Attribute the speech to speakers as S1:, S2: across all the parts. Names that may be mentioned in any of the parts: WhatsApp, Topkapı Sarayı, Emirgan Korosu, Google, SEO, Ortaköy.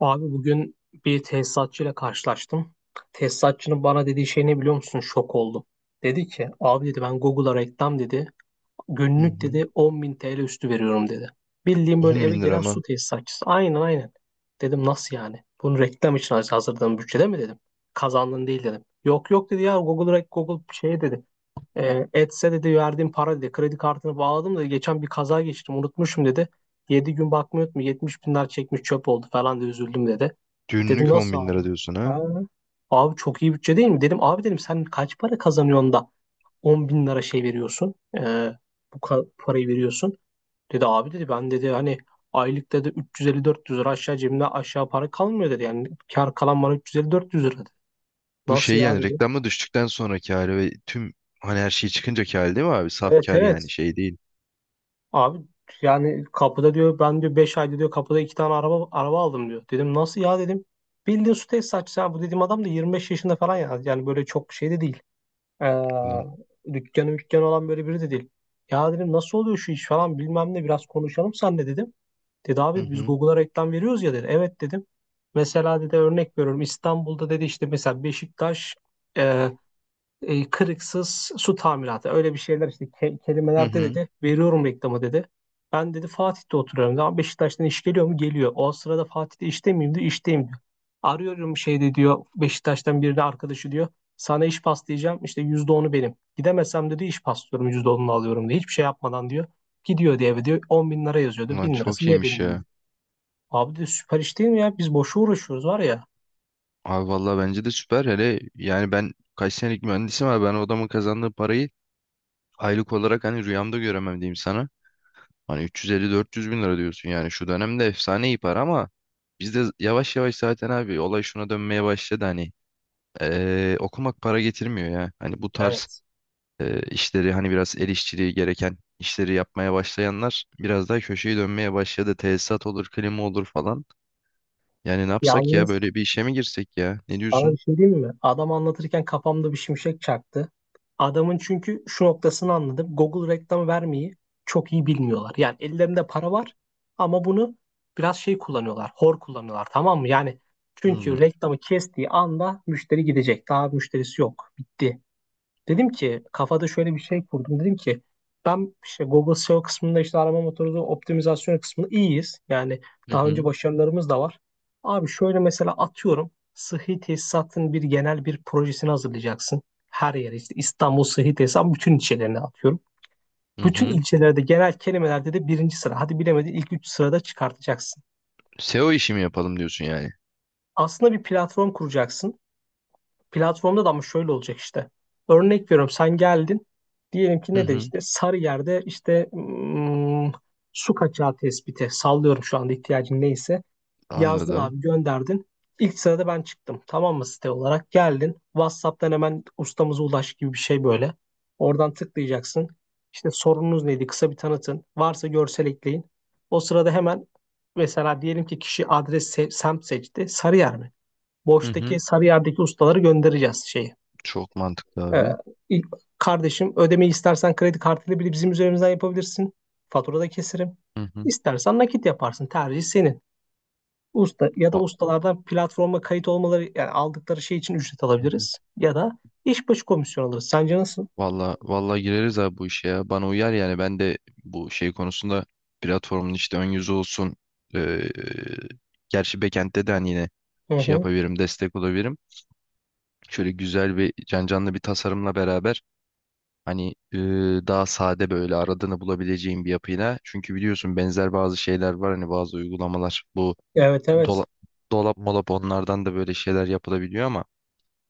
S1: Abi bugün bir tesisatçıyla karşılaştım. Tesisatçının bana dediği şey ne biliyor musun? Şok oldum. Dedi ki abi dedi ben Google'a reklam dedi.
S2: Hı
S1: Günlük
S2: hı.
S1: dedi 10.000 TL üstü veriyorum dedi. Bildiğim böyle
S2: 10
S1: eve
S2: bin
S1: gelen
S2: lira
S1: su
S2: mı?
S1: tesisatçısı. Aynen aynen. Dedim nasıl yani? Bunu reklam için hazırladığın bütçede mi dedim. Kazandın değil dedim. Yok yok dedi ya Google, Google şey dedi. Etse dedi verdiğim para dedi. Kredi kartını bağladım da geçen bir kaza geçirdim unutmuşum dedi. 7 gün bakmıyordum, 70 binler çekmiş, çöp oldu falan da üzüldüm dedi. Dedim
S2: Günlük 10
S1: nasıl
S2: bin
S1: abi?
S2: lira diyorsun ha?
S1: Ha, abi çok iyi bütçe değil mi? Dedim abi dedim sen kaç para kazanıyorsun da 10.000 lira şey veriyorsun. Bu parayı veriyorsun. Dedi abi dedi ben dedi hani aylık dedi 350-400 lira aşağı, cebimde aşağı para kalmıyor dedi. Yani kar kalan bana 350-400 lira dedi.
S2: Bu
S1: Nasıl
S2: şey
S1: ya
S2: yani
S1: dedi.
S2: reklamda düştükten sonraki hali ve tüm hani her şey çıkınca hali, değil mi abi? Saf
S1: Evet
S2: kar yani,
S1: evet.
S2: şey değil.
S1: Abi yani kapıda diyor, ben diyor 5 ayda diyor kapıda 2 tane araba aldım diyor. Dedim nasıl ya dedim. Bildiğin su tesisatçısı ha, bu dediğim adam da 25 yaşında falan ya. Yani böyle çok şey de değil.
S2: Ulan,
S1: Dükkanı mükkanı olan böyle biri de değil. Ya dedim nasıl oluyor şu iş falan bilmem ne, biraz konuşalım senle dedim. Dedi
S2: hı
S1: abi biz
S2: hı,
S1: Google'a reklam veriyoruz ya dedi. Evet dedim. Mesela dedi örnek veriyorum İstanbul'da dedi, işte mesela Beşiktaş e, kırıksız su tamiratı, öyle bir şeyler işte,
S2: hı
S1: kelimelerde
S2: hı.
S1: dedi veriyorum reklamı dedi. Ben dedi Fatih'te oturuyorum. Daha Beşiktaş'tan iş geliyor mu? Geliyor. O sırada Fatih'te işte miyim diyor. İşteyim diyor. Arıyorum şeyde diyor, Beşiktaş'tan birini, arkadaşı diyor. Sana iş paslayacağım işte, %10'u benim. Gidemezsem dedi iş paslıyorum, %10'unu alıyorum diyor. Hiçbir şey yapmadan diyor. Gidiyor diye eve, diyor 10 bin lira yazıyordu.
S2: Ulan,
S1: 1.000 lirası
S2: çok
S1: yine
S2: iyiymiş
S1: benim diyor.
S2: ya.
S1: Abi de süper iş değil mi ya? Biz boşu uğraşıyoruz var ya.
S2: Abi vallahi bence de süper, hele yani ben kaç senelik mühendisim abi, ben o adamın kazandığı parayı aylık olarak hani rüyamda göremem diyeyim sana. Hani 350-400 bin lira diyorsun, yani şu dönemde efsane iyi para ama biz de yavaş yavaş zaten abi olay şuna dönmeye başladı hani, okumak para getirmiyor ya. Hani bu tarz
S1: Evet.
S2: işleri, hani biraz el işçiliği gereken işleri yapmaya başlayanlar biraz daha köşeyi dönmeye başladı. Tesisat olur, klima olur falan. Yani ne yapsak ya,
S1: Yalnız
S2: böyle bir işe mi girsek ya? Ne
S1: sana bir
S2: diyorsun?
S1: şey diyeyim mi? Adam anlatırken kafamda bir şimşek çaktı. Adamın çünkü şu noktasını anladım. Google reklam vermeyi çok iyi bilmiyorlar. Yani ellerinde para var ama bunu biraz şey kullanıyorlar. Hor kullanıyorlar, tamam mı? Yani
S2: Hmm.
S1: çünkü reklamı kestiği anda müşteri gidecek. Daha müşterisi yok. Bitti. Dedim ki kafada şöyle bir şey kurdum. Dedim ki ben işte Google SEO kısmında, işte arama motoru optimizasyon kısmında iyiyiz. Yani
S2: Hı
S1: daha önce
S2: hı.
S1: başarılarımız da var. Abi şöyle, mesela atıyorum sıhhi tesisatın bir genel bir projesini hazırlayacaksın. Her yere, işte İstanbul sıhhi tesisat, bütün ilçelerine atıyorum.
S2: Hı
S1: Bütün
S2: hı.
S1: ilçelerde genel kelimelerde de birinci sıra. Hadi bilemedin ilk üç sırada çıkartacaksın.
S2: SEO işi mi yapalım diyorsun yani?
S1: Aslında bir platform kuracaksın. Platformda da ama şöyle olacak işte. Örnek veriyorum, sen geldin. Diyelim ki
S2: Hı
S1: ne de
S2: hı.
S1: işte Sarıyer'de, işte su kaçağı tespiti, sallıyorum, şu anda ihtiyacın neyse. Yazdın
S2: Anladım.
S1: abi, gönderdin. İlk sırada ben çıktım. Tamam mı? Site olarak geldin. WhatsApp'tan hemen ustamıza ulaş gibi bir şey böyle. Oradan tıklayacaksın. İşte sorununuz neydi? Kısa bir tanıtın. Varsa görsel ekleyin. O sırada hemen, mesela diyelim ki kişi adres semt seçti. Sarıyer mi?
S2: Hı hı.
S1: Boş'taki Sarıyer'deki ustaları göndereceğiz şeyi.
S2: Çok mantıklı
S1: Ee,
S2: abi.
S1: ilk- Kardeşim, ödemeyi istersen kredi kartıyla bile bizim üzerimizden yapabilirsin. Faturada keserim.
S2: Hı hı.
S1: İstersen nakit yaparsın. Tercih senin. Usta ya da
S2: Va-
S1: ustalardan platforma kayıt olmaları, yani aldıkları şey için ücret
S2: hı hı.
S1: alabiliriz. Ya da iş başı komisyon alırız. Sence nasıl?
S2: Valla valla, gireriz abi bu işe ya. Bana uyar, yani ben de bu şey konusunda platformun işte ön yüzü olsun. eee, gerçi backend'de de hani yine
S1: Hı
S2: şey
S1: hı.
S2: yapabilirim, destek olabilirim. Şöyle güzel bir canlı bir tasarımla beraber, hani daha sade, böyle aradığını bulabileceğin bir yapıyla. Çünkü biliyorsun benzer bazı şeyler var, hani bazı uygulamalar bu
S1: Evet
S2: dola-
S1: evet.
S2: dolap molap onlardan da böyle şeyler yapılabiliyor ama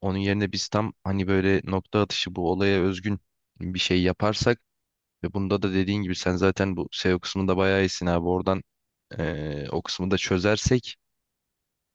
S2: onun yerine biz tam hani böyle nokta atışı bu olaya özgün bir şey yaparsak ve bunda da dediğin gibi sen zaten bu SEO kısmında bayağı iyisin abi. Oradan o kısmı da çözersek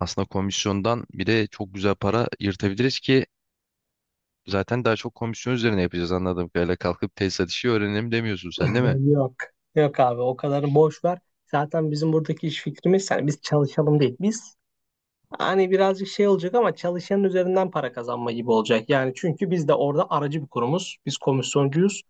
S2: aslında komisyondan bir de çok güzel para yırtabiliriz ki zaten daha çok komisyon üzerine yapacağız anladığım kadarıyla. Kalkıp tesisat işi öğrenelim demiyorsun sen, değil mi?
S1: Yok. Yok abi, o kadarını boş ver. Zaten bizim buradaki iş fikrimiz, yani biz çalışalım değil. Biz hani birazcık şey olacak ama çalışanın üzerinden para kazanma gibi olacak. Yani çünkü biz de orada aracı bir kurumuz. Biz komisyoncuyuz.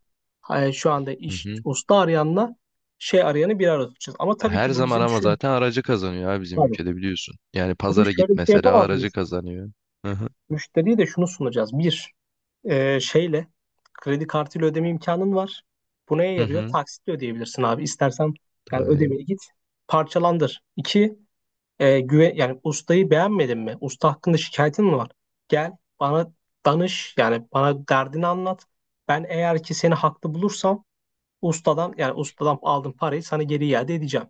S1: Ha, şu anda
S2: Hı
S1: iş,
S2: hı.
S1: usta arayanla şey arayanı bir arada tutacağız. Ama tabii
S2: Her
S1: ki bu
S2: zaman,
S1: bizim
S2: ama
S1: şu
S2: zaten aracı kazanıyor abi, bizim
S1: tabii.
S2: ülkede biliyorsun. Yani
S1: Ama
S2: pazara git
S1: şöyle bir şey
S2: mesela,
S1: yapamaz
S2: aracı
S1: mıyız?
S2: kazanıyor. Hı hı.
S1: Müşteriye de şunu sunacağız. Bir, şeyle, kredi kartıyla ödeme imkanın var. Bu neye
S2: Hı
S1: yarıyor?
S2: hı.
S1: Taksitle ödeyebilirsin abi. İstersen, yani
S2: Tabii.
S1: ödemeni git parçalandır. İki, güven, yani ustayı beğenmedin mi? Usta hakkında şikayetin mi var? Gel bana danış, yani bana derdini anlat. Ben eğer ki seni haklı bulursam ustadan, yani ustadan aldığım parayı sana geri iade edeceğim.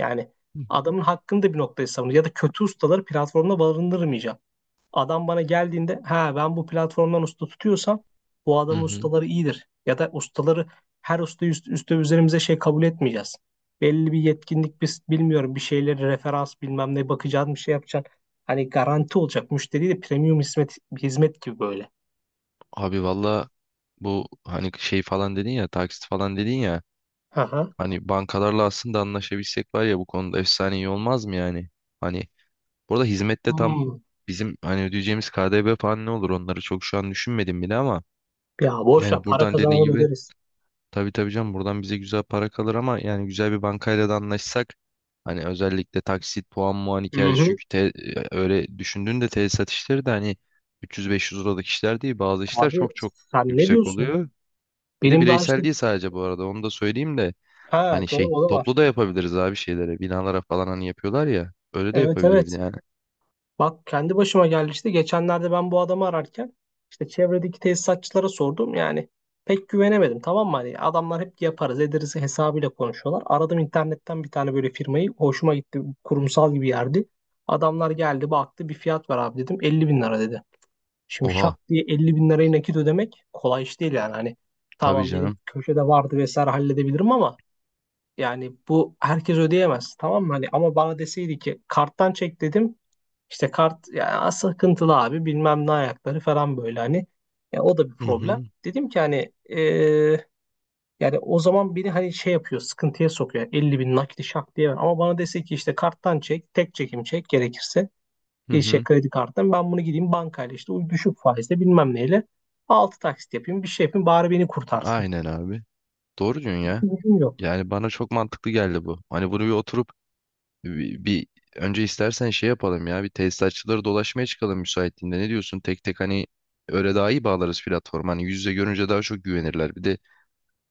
S1: Yani
S2: Hı
S1: adamın hakkını da bir noktaya savunuyor ya da kötü ustaları platformda barındırmayacağım. Adam bana geldiğinde ha, ben bu platformdan usta tutuyorsam bu adamın
S2: hı.
S1: ustaları iyidir. Ya da ustaları, her usta üste üzerimize şey kabul etmeyeceğiz. Belli bir yetkinlik, biz bilmiyorum, bir şeyleri referans, bilmem ne, bakacaksın, bir şey yapacaksın. Hani garanti olacak, müşteri de premium hizmet gibi böyle.
S2: Abi valla, bu hani şey falan dedin ya, taksit falan dedin ya,
S1: Hı hı.
S2: hani bankalarla aslında anlaşabilsek var ya, bu konuda efsane iyi olmaz mı yani? Hani burada hizmette tam
S1: Hmm.
S2: bizim hani ödeyeceğimiz KDV falan ne olur onları çok şu an düşünmedim bile, ama
S1: Ya boş ver,
S2: yani
S1: para
S2: buradan dediğin
S1: kazanalım,
S2: gibi,
S1: öderiz.
S2: tabii tabii canım, buradan bize güzel para kalır, ama yani güzel bir bankayla da anlaşsak hani, özellikle taksit puan muan
S1: Hı
S2: hikayesi,
S1: hı.
S2: çünkü öyle düşündüğünde tesisat işleri de hani 300-500 liralık işler değil, bazı işler
S1: Abi
S2: çok çok
S1: sen ne
S2: yüksek
S1: diyorsun?
S2: oluyor. Bir de
S1: Benim daha işte,
S2: bireysel değil sadece, bu arada onu da söyleyeyim de,
S1: ha
S2: hani şey,
S1: doğru, o da var.
S2: toplu da yapabiliriz abi, şeylere, binalara falan hani yapıyorlar ya, öyle de
S1: Evet
S2: yapabiliriz
S1: evet.
S2: yani.
S1: Bak, kendi başıma geldi işte. Geçenlerde ben bu adamı ararken işte çevredeki tesisatçılara sordum. Yani pek güvenemedim, tamam mı? Hani adamlar hep yaparız ederiz hesabıyla konuşuyorlar. Aradım internetten bir tane böyle firmayı. Hoşuma gitti. Kurumsal gibi yerdi. Adamlar geldi, baktı, bir fiyat var abi dedim. 50 bin lira dedi. Şimdi şak
S2: Oha.
S1: diye 50 bin lirayı nakit ödemek kolay iş değil yani. Hani
S2: Tabii
S1: tamam, benim
S2: canım.
S1: köşede vardı, vesaire, halledebilirim ama yani bu herkes ödeyemez, tamam mı? Hani ama bana deseydi ki karttan çek dedim. İşte kart ya, sıkıntılı abi, bilmem ne ayakları falan, böyle hani. Ya o da bir
S2: Hı
S1: problem.
S2: hı,
S1: Dedim ki hani yani o zaman beni hani şey yapıyor, sıkıntıya sokuyor. Yani 50.000 nakdi şak diye ver. Ama bana dese ki işte karttan çek, tek çekim çek gerekirse.
S2: hı
S1: Bir şey,
S2: hı.
S1: kredi karttan ben bunu gideyim bankayla, işte o düşük faizle, bilmem neyle. Altı taksit yapayım, bir şey yapayım, bari beni kurtarsın.
S2: Aynen abi. Doğru diyorsun ya.
S1: Gücüm yok.
S2: Yani bana çok mantıklı geldi bu. Hani bunu bir oturup, bir önce istersen şey yapalım ya, bir tesisatçıları dolaşmaya çıkalım müsaitliğinde, ne diyorsun? Tek tek hani, öyle daha iyi bağlarız platform. Hani yüz yüze görünce daha çok güvenirler. Bir de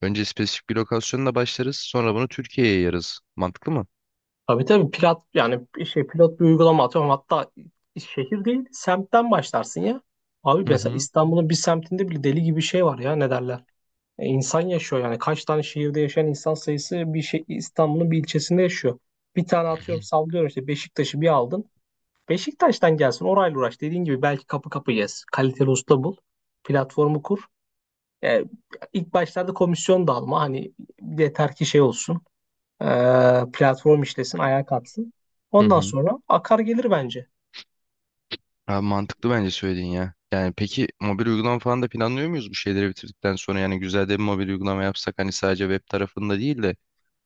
S2: önce spesifik bir lokasyonla başlarız, sonra bunu Türkiye'ye yayarız. Mantıklı mı?
S1: Tabii tabii, pilot, yani bir şey, pilot bir uygulama atıyorum, hatta şehir değil semtten başlarsın ya. Abi
S2: Hı
S1: mesela
S2: hı.
S1: İstanbul'un bir semtinde bile deli gibi şey var ya, ne derler. İnsan yaşıyor, yani kaç tane şehirde yaşayan insan sayısı bir şey İstanbul'un bir ilçesinde yaşıyor. Bir tane atıyorum, sallıyorum, işte Beşiktaş'ı bir aldın. Beşiktaş'tan gelsin, orayla uğraş, dediğin gibi belki kapı kapı gez. Kaliteli usta bul. Platformu kur. E, ilk başlarda komisyon da alma, hani yeter ki şey olsun, e, platform işlesin, ayağa kalksın.
S2: Hı
S1: Ondan
S2: hı.
S1: sonra akar gelir bence.
S2: Abi mantıklı bence söylediğin ya. Yani peki mobil uygulama falan da planlıyor muyuz bu şeyleri bitirdikten sonra? Yani güzel de bir mobil uygulama yapsak hani, sadece web tarafında değil de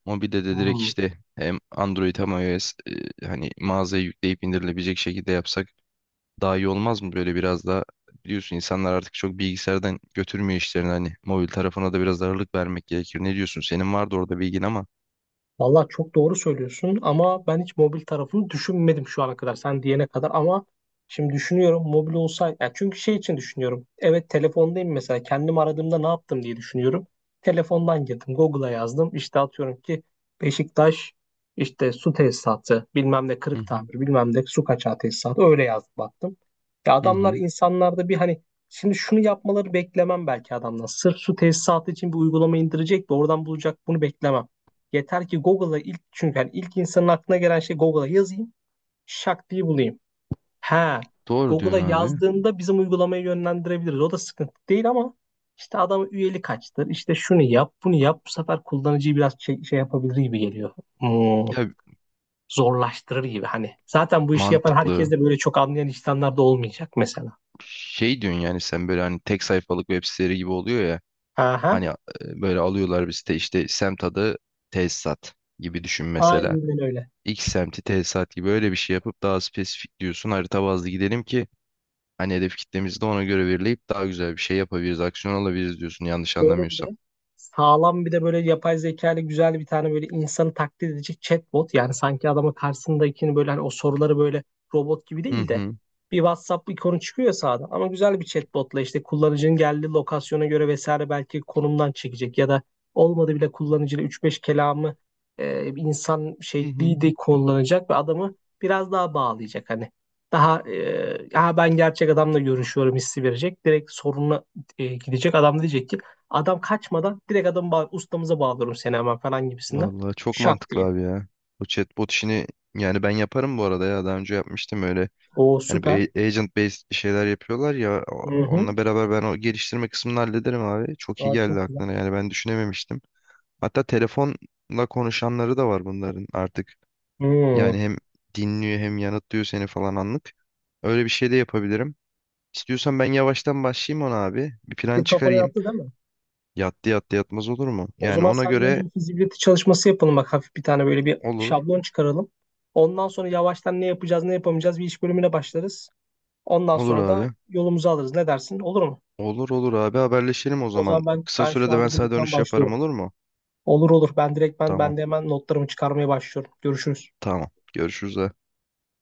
S2: mobilde de direkt,
S1: Hmm.
S2: işte hem Android hem iOS, hani mağazaya yükleyip indirilebilecek şekilde yapsak daha iyi olmaz mı? Böyle biraz da, biliyorsun, insanlar artık çok bilgisayardan götürmüyor işlerini, hani mobil tarafına da biraz ağırlık vermek gerekir. Ne diyorsun? Senin vardı orada bilgin ama.
S1: Vallahi çok doğru söylüyorsun ama ben hiç mobil tarafını düşünmedim şu ana kadar, sen diyene kadar, ama şimdi düşünüyorum mobil olsaydı, yani çünkü şey için düşünüyorum, evet telefondayım, mesela kendim aradığımda ne yaptım diye düşünüyorum, telefondan girdim Google'a, yazdım işte atıyorum ki Beşiktaş işte su tesisatı bilmem ne
S2: Hı
S1: kırık
S2: hı.
S1: tamir bilmem ne su kaçağı tesisatı, öyle yazdım, baktım. Ya
S2: Hı
S1: adamlar,
S2: hı.
S1: insanlarda bir hani. Şimdi şunu yapmaları beklemem belki adamdan. Sırf su tesisatı için bir uygulama indirecek de oradan bulacak, bunu beklemem. Yeter ki Google'a ilk, çünkü yani ilk insanın aklına gelen şey Google'a yazayım, şak diye bulayım. Ha,
S2: Doğru diyorsun
S1: Google'a
S2: abi.
S1: yazdığında bizim uygulamayı yönlendirebiliriz. O da sıkıntı değil ama işte adam üyeli kaçtır. İşte şunu yap, bunu yap. Bu sefer kullanıcıyı biraz şey yapabilir gibi geliyor. Hmm,
S2: Ya
S1: Zorlaştırır gibi hani. Zaten bu işi yapan herkes
S2: mantıklı.
S1: de böyle çok anlayan insanlar da olmayacak mesela.
S2: Şey diyorsun yani, sen böyle hani tek sayfalık web siteleri gibi oluyor ya.
S1: Aha,
S2: Hani böyle alıyorlar bir site, işte semt adı, tesisat gibi düşün mesela.
S1: aynen öyle.
S2: X semti tesisat gibi öyle bir şey yapıp, daha spesifik diyorsun, harita bazlı gidelim ki hani hedef kitlemizi de ona göre belirleyip daha güzel bir şey yapabiliriz, aksiyon alabiliriz diyorsun, yanlış
S1: Şöyle bir
S2: anlamıyorsam.
S1: de sağlam, bir de böyle yapay zeka ile güzel bir tane böyle insanı taklit edecek chatbot. Yani sanki adamın karşısındakini böyle hani, o soruları böyle robot gibi
S2: Hı
S1: değil de,
S2: hı.
S1: bir WhatsApp ikonu çıkıyor ya sağda, ama güzel bir chatbotla işte kullanıcının geldiği lokasyona göre vesaire, belki konumdan çekecek ya da olmadı bile kullanıcıyla üç beş kelamı, insan
S2: Hı hı.
S1: şekli de kullanacak ve adamı biraz daha bağlayacak hani. Daha e, Ya ben gerçek adamla görüşüyorum hissi verecek. Direkt sorununa gidecek. Adam da diyecek ki, adam kaçmadan direkt adamı ustamıza bağlıyorum seni hemen falan gibisinden.
S2: Vallahi çok
S1: Şak
S2: mantıklı
S1: diye.
S2: abi ya. Bu chatbot işini, yani ben yaparım bu arada ya, daha önce yapmıştım öyle.
S1: O
S2: Hani
S1: süper.
S2: bir agent based şeyler yapıyorlar ya,
S1: Hı hı.
S2: onunla beraber ben o geliştirme kısmını hallederim abi. Çok iyi
S1: Aa,
S2: geldi
S1: çok güzel.
S2: aklına, yani ben düşünememiştim. Hatta telefonla konuşanları da var bunların artık.
S1: Hı.
S2: Yani hem dinliyor hem yanıtlıyor seni falan, anlık. Öyle bir şey de yapabilirim. İstiyorsan ben yavaştan başlayayım ona abi. Bir plan
S1: Fikir kafana
S2: çıkarayım.
S1: yattı değil mi?
S2: Yattı yattı, yatmaz olur mu?
S1: O
S2: Yani
S1: zaman
S2: ona
S1: senden
S2: göre
S1: önce bir fizibilite çalışması yapalım, bak hafif bir tane böyle bir
S2: olur.
S1: şablon çıkaralım. Ondan sonra yavaştan ne yapacağız ne yapamayacağız, bir iş bölümüne başlarız. Ondan
S2: Olur
S1: sonra da
S2: abi.
S1: yolumuzu alırız. Ne dersin? Olur mu?
S2: Olur olur abi, haberleşelim o
S1: O
S2: zaman.
S1: zaman ben
S2: Kısa
S1: ben şu
S2: sürede ben
S1: anda
S2: sana
S1: direktmen
S2: dönüş yaparım,
S1: başlıyorum.
S2: olur mu?
S1: Olur olur. Ben direktmen,
S2: Tamam
S1: ben de hemen notlarımı çıkarmaya başlıyorum. Görüşürüz.
S2: tamam. Görüşürüz.